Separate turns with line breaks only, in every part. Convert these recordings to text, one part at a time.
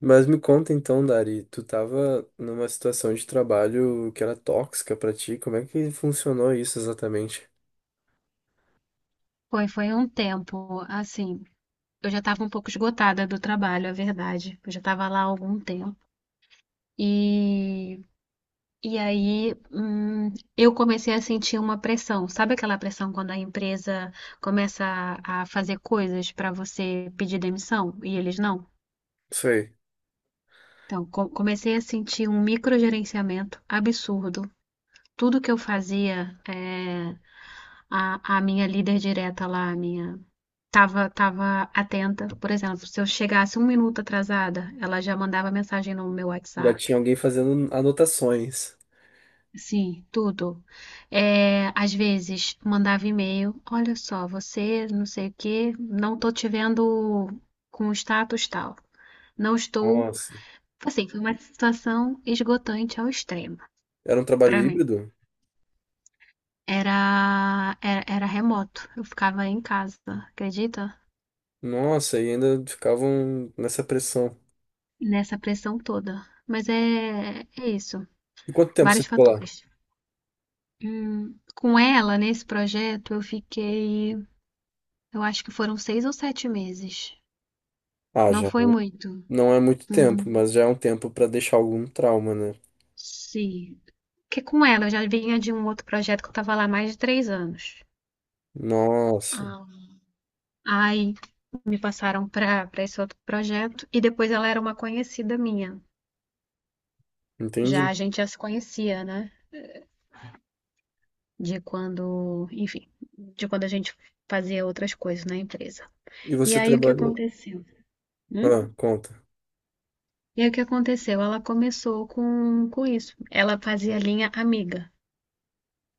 Mas me conta então, Dari, tu tava numa situação de trabalho que era tóxica pra ti, como é que funcionou isso exatamente?
Foi um tempo, assim, eu já estava um pouco esgotada do trabalho, é verdade. Eu já estava lá há algum tempo. E, e aí, eu comecei a sentir uma pressão. Sabe aquela pressão quando a empresa começa a fazer coisas para você pedir demissão e eles não?
Sei.
Então, comecei a sentir um microgerenciamento absurdo. Tudo que eu fazia, a minha líder direta lá, a minha tava atenta. Por exemplo, se eu chegasse 1 minuto atrasada, ela já mandava mensagem no meu
Já
WhatsApp.
tinha alguém fazendo anotações.
Sim, tudo. É, às vezes mandava e-mail. Olha só, você não sei o quê, não estou te vendo com o status tal. Não estou.
Nossa.
Assim, foi uma situação esgotante ao extremo
Era um trabalho
para mim.
híbrido?
Era remoto. Eu ficava em casa, acredita?
Nossa, e ainda ficavam nessa pressão.
Nessa pressão toda. Mas é isso.
E quanto tempo você
Vários
ficou lá?
fatores. Com ela, nesse projeto, eu fiquei, eu acho que foram 6 ou 7 meses.
Ah,
Não
já.
foi muito.
Não é muito tempo,
Uhum.
mas já é um tempo pra deixar algum trauma, né?
Sim. Porque com ela, eu já vinha de um outro projeto que eu estava lá há mais de 3 anos.
Nossa,
Ah, aí me passaram para esse outro projeto e depois ela era uma conhecida minha. Já
entendi.
a gente já se conhecia, né? De quando, enfim, de quando a gente fazia outras coisas na empresa.
E
E
você
aí o que
trabalhou.
aconteceu? Hum?
Ah, conta.
E aí o que aconteceu? Ela começou com isso. Ela fazia linha amiga.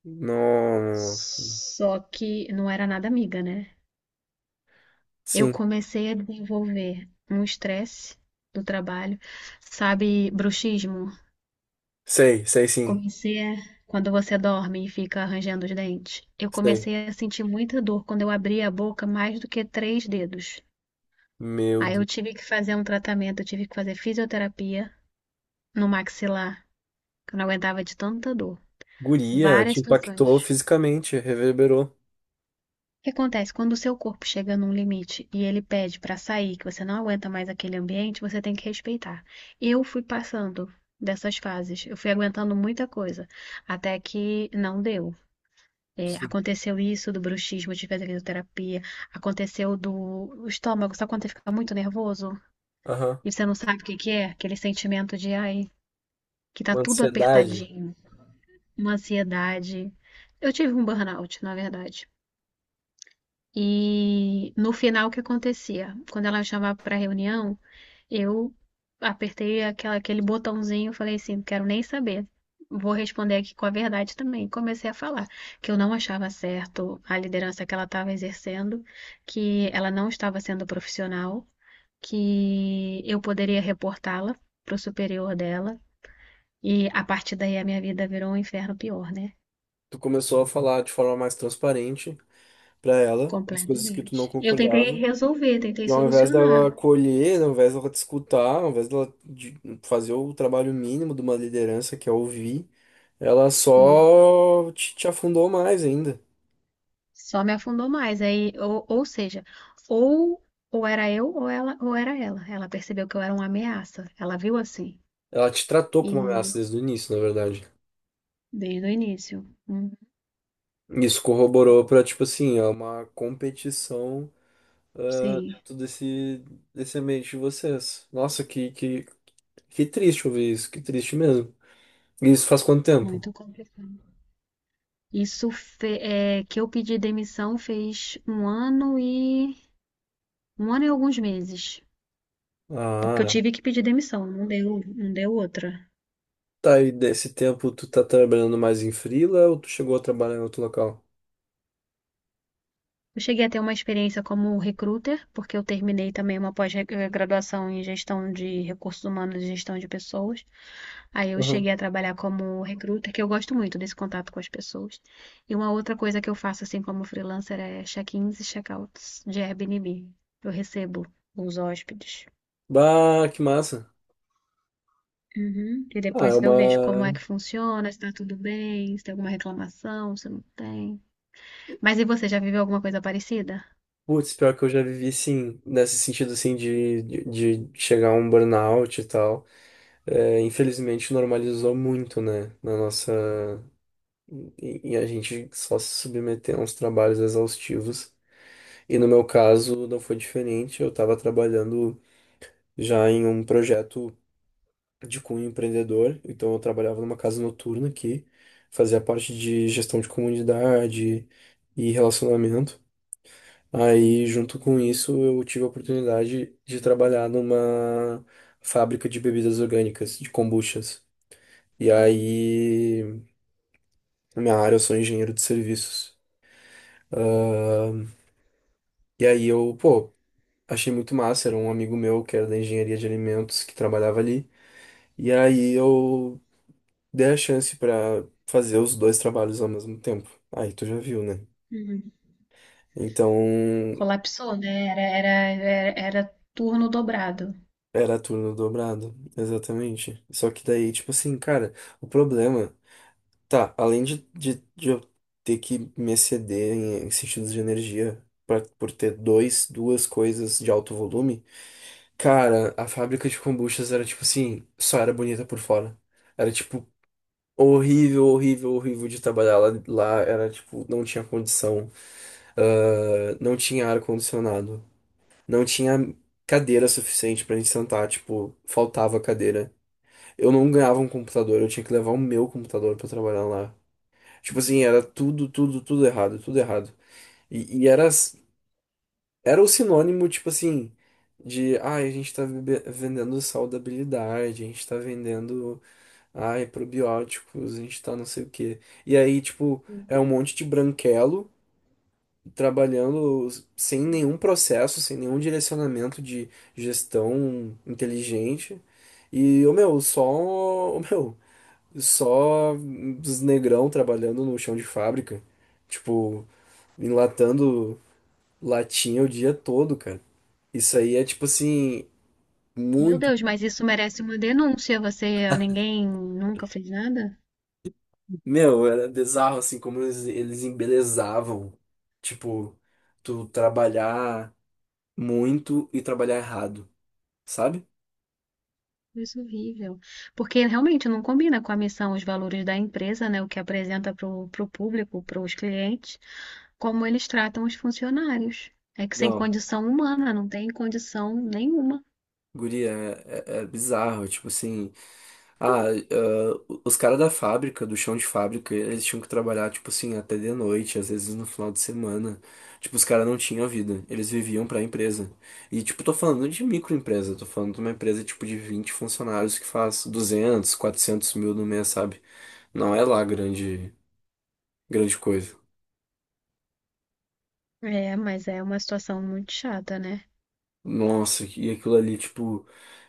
Nossa.
Só que não era nada amiga, né? Eu
Sim,
comecei a desenvolver um estresse do trabalho, sabe, bruxismo.
sei, sei sim.
Comecei a, quando você dorme e fica arranjando os dentes. Eu
Sei.
comecei a sentir muita dor quando eu abria a boca mais do que três dedos.
Meu
Aí eu
Deus.
tive que fazer um tratamento, eu tive que fazer fisioterapia no maxilar, que eu não aguentava de tanta dor.
Guria, te
Várias
impactou
situações.
fisicamente, reverberou.
O que acontece? Quando o seu corpo chega num limite e ele pede para sair, que você não aguenta mais aquele ambiente, você tem que respeitar. Eu fui passando dessas fases, eu fui aguentando muita coisa, até que não deu. É,
Sim.
aconteceu isso do bruxismo, de fazer fisioterapia, aconteceu do estômago, só quando você fica muito nervoso
Aham.
e você não sabe o que que é? Aquele sentimento de, ai, que tá
Uma
tudo
ansiedade.
apertadinho, uma ansiedade. Eu tive um burnout, na verdade. E no final, o que acontecia? Quando ela me chamava para reunião, eu apertei aquela, aquele botãozinho e falei assim: não quero nem saber. Vou responder aqui com a verdade também. Comecei a falar que eu não achava certo a liderança que ela estava exercendo, que ela não estava sendo profissional, que eu poderia reportá-la para o superior dela. E a partir daí a minha vida virou um inferno pior, né?
Tu começou a falar de forma mais transparente pra ela as coisas que tu não
Completamente. Eu tentei
concordava.
resolver, tentei
E ao invés dela
solucionar.
acolher, ao invés dela te escutar, ao invés dela fazer o trabalho mínimo de uma liderança, que é ouvir, ela
E
só te afundou mais ainda.
só me afundou mais. Aí, ou seja, ou, ou era eu ou ela, ou era ela. Ela percebeu que eu era uma ameaça. Ela viu assim.
Ela te tratou
E
como ameaça desde o início, na verdade.
desde o início.
Isso corroborou pra, tipo assim, é uma competição, ah,
Sim,
dentro desse ambiente de vocês. Nossa, que triste ouvir isso, que triste mesmo. E isso faz quanto tempo?
muito complicado. Isso que eu pedi demissão fez um ano e alguns meses. Porque eu
Ah,
tive que pedir demissão, não deu, não deu outra.
tá, e desse tempo tu tá trabalhando mais em freela ou tu chegou a trabalhar em outro local?
Eu cheguei a ter uma experiência como recruiter, porque eu terminei também uma pós-graduação em gestão de recursos humanos e gestão de pessoas. Aí eu
Aham.
cheguei a trabalhar como recruta, que eu gosto muito desse contato com as pessoas. E uma outra coisa que eu faço, assim como freelancer, é check-ins e check-outs de Airbnb. Eu recebo os hóspedes.
Bah, que massa.
Uhum. E
Ah, é
depois eu vejo como é
uma.
que funciona, se tá tudo bem, se tem alguma reclamação, se não tem. Mas e você, já viveu alguma coisa parecida?
Putz, pior que eu já vivi, sim, nesse sentido, assim, de, de chegar a um burnout e tal. É, infelizmente, normalizou muito, né, na nossa... E, e a gente só se submeter a uns trabalhos exaustivos. E no meu caso não foi diferente, eu estava trabalhando já em um projeto de cunho empreendedor, então eu trabalhava numa casa noturna que fazia parte de gestão de comunidade e relacionamento. Aí, junto com isso, eu tive a oportunidade de trabalhar numa fábrica de bebidas orgânicas, de kombuchas. E aí, na minha área, eu sou engenheiro de serviços. Ahn, e aí eu, pô, achei muito massa, era um amigo meu que era da engenharia de alimentos que trabalhava ali. E aí eu dei a chance pra fazer os dois trabalhos ao mesmo tempo. Aí tu já viu, né?
Uhum.
Então
Colapsou, né? Era turno dobrado.
era turno dobrado, exatamente. Só que daí, tipo assim, cara, o problema, tá, além de, de eu ter que me exceder em, em sentidos de energia pra, por ter dois, duas coisas de alto volume, cara, a fábrica de kombuchas era tipo assim, só era bonita por fora. Era tipo horrível, horrível, horrível de trabalhar lá, lá era tipo, não tinha condição, ah, não tinha ar-condicionado, não tinha cadeira suficiente pra gente sentar, tipo, faltava cadeira. Eu não ganhava um computador, eu tinha que levar o meu computador pra trabalhar lá. Tipo assim, era tudo, tudo, tudo errado, tudo errado. E era, era o sinônimo, tipo assim, de, ai, a gente tá vendendo saudabilidade, a gente tá vendendo. Ai, probióticos, a gente tá não sei o quê. E aí, tipo,
Sim.
é um monte de branquelo trabalhando sem nenhum processo, sem nenhum direcionamento de gestão inteligente. E, ô meu, só, ô meu, só os negrão trabalhando no chão de fábrica, tipo, enlatando latinha o dia todo, cara. Isso aí é, tipo assim,
Meu
muito.
Deus, mas isso merece uma denúncia. Você, ninguém nunca fez nada?
Meu, era bizarro assim como eles embelezavam. Tipo, tu trabalhar muito e trabalhar errado, sabe?
Isso é horrível. Porque realmente não combina com a missão, os valores da empresa, né? O que apresenta para o público, para os clientes, como eles tratam os funcionários. É que sem
Não.
condição humana, não tem condição nenhuma.
Guria, é, é bizarro. Tipo assim, ah, os caras da fábrica, do chão de fábrica, eles tinham que trabalhar, tipo assim, até de noite, às vezes no final de semana. Tipo, os caras não tinham vida, eles viviam pra empresa. E, tipo, tô falando de microempresa, tô falando de uma empresa, tipo, de 20 funcionários que faz 200, 400 mil no mês, sabe? Não é lá grande, grande coisa.
É, mas é uma situação muito chata, né?
Nossa, e aquilo ali, tipo,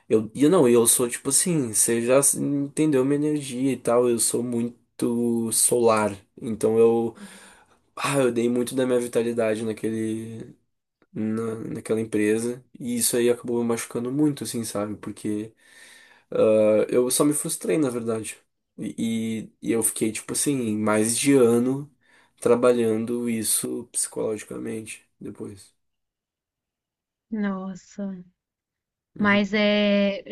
eu, e não, e eu sou, tipo assim, você já entendeu minha energia e tal, eu sou muito solar, então eu, ah, eu dei muito da minha vitalidade naquele, naquela empresa. E isso aí acabou me machucando muito, assim, sabe? Porque ah, eu só me frustrei, na verdade. E eu fiquei, tipo assim, mais de ano trabalhando isso psicologicamente depois.
Nossa.
Uhum.
Mas é.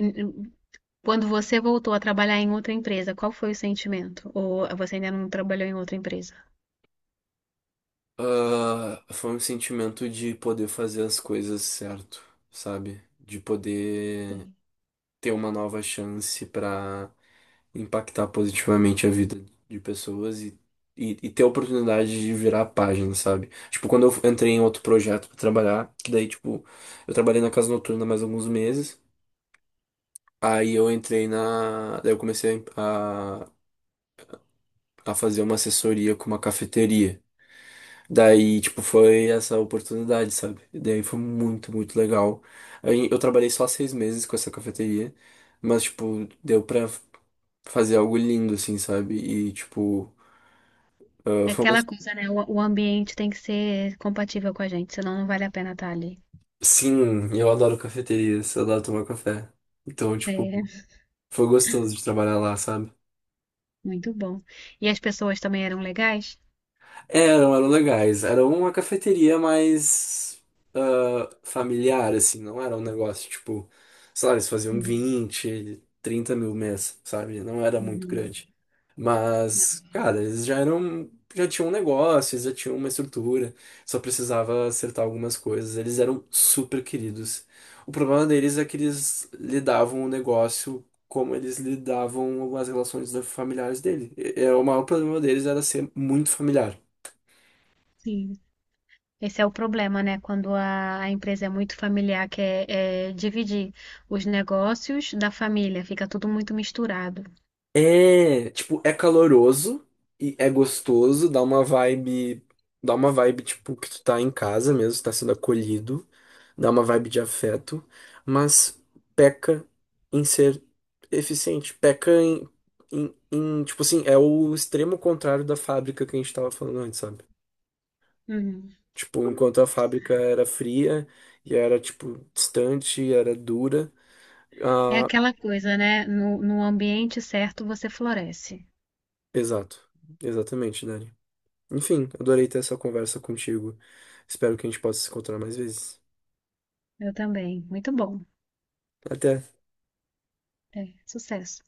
Quando você voltou a trabalhar em outra empresa, qual foi o sentimento? Ou você ainda não trabalhou em outra empresa?
Ah, foi um sentimento de poder fazer as coisas certo, sabe? De poder
Sim.
ter uma nova chance pra impactar positivamente a vida de pessoas e ter a oportunidade de virar a página, sabe? Tipo, quando eu entrei em outro projeto pra trabalhar, que daí, tipo, eu trabalhei na casa noturna mais alguns meses, aí eu entrei na. Daí eu comecei a fazer uma assessoria com uma cafeteria. Daí, tipo, foi essa oportunidade, sabe? E daí foi muito, muito legal. Aí eu trabalhei só 6 meses com essa cafeteria, mas, tipo, deu pra fazer algo lindo, assim, sabe? E, tipo, ah,
É
foi uma.
aquela coisa, né? O ambiente tem que ser compatível com a gente, senão não vale a pena estar ali.
Sim, eu adoro cafeterias, eu adoro tomar café. Então, tipo,
É,
foi gostoso de trabalhar lá, sabe?
muito bom. E as pessoas também eram legais?
Eram, eram legais. Era uma cafeteria mais, ah, familiar, assim, não era um negócio tipo, sei lá, eles faziam
Uhum,
20, 30 mil mês, sabe? Não era muito
uhum.
grande.
Não,
Mas, cara, eles já eram, já tinham um negócio, eles já tinham uma estrutura, só precisava acertar algumas coisas. Eles eram super queridos. O problema deles é que eles lidavam o negócio como eles lidavam com as relações familiares dele. É, o maior problema deles era ser muito familiar.
sim. Esse é o problema, né? Quando a empresa é muito familiar, que é dividir os negócios da família, fica tudo muito misturado.
É, tipo, é caloroso e é gostoso, dá uma vibe tipo que tu tá em casa mesmo, tá sendo acolhido, dá uma vibe de afeto, mas peca em ser eficiente, peca em, tipo assim, é o extremo contrário da fábrica que a gente tava falando antes, sabe?
Uhum.
Tipo, enquanto a fábrica era fria e era tipo distante, era dura,
É
ah,
aquela coisa, né? No ambiente certo você floresce.
exato, exatamente, Dani. Enfim, adorei ter essa conversa contigo. Espero que a gente possa se encontrar mais vezes.
Eu também. Muito bom.
Até.
É, sucesso.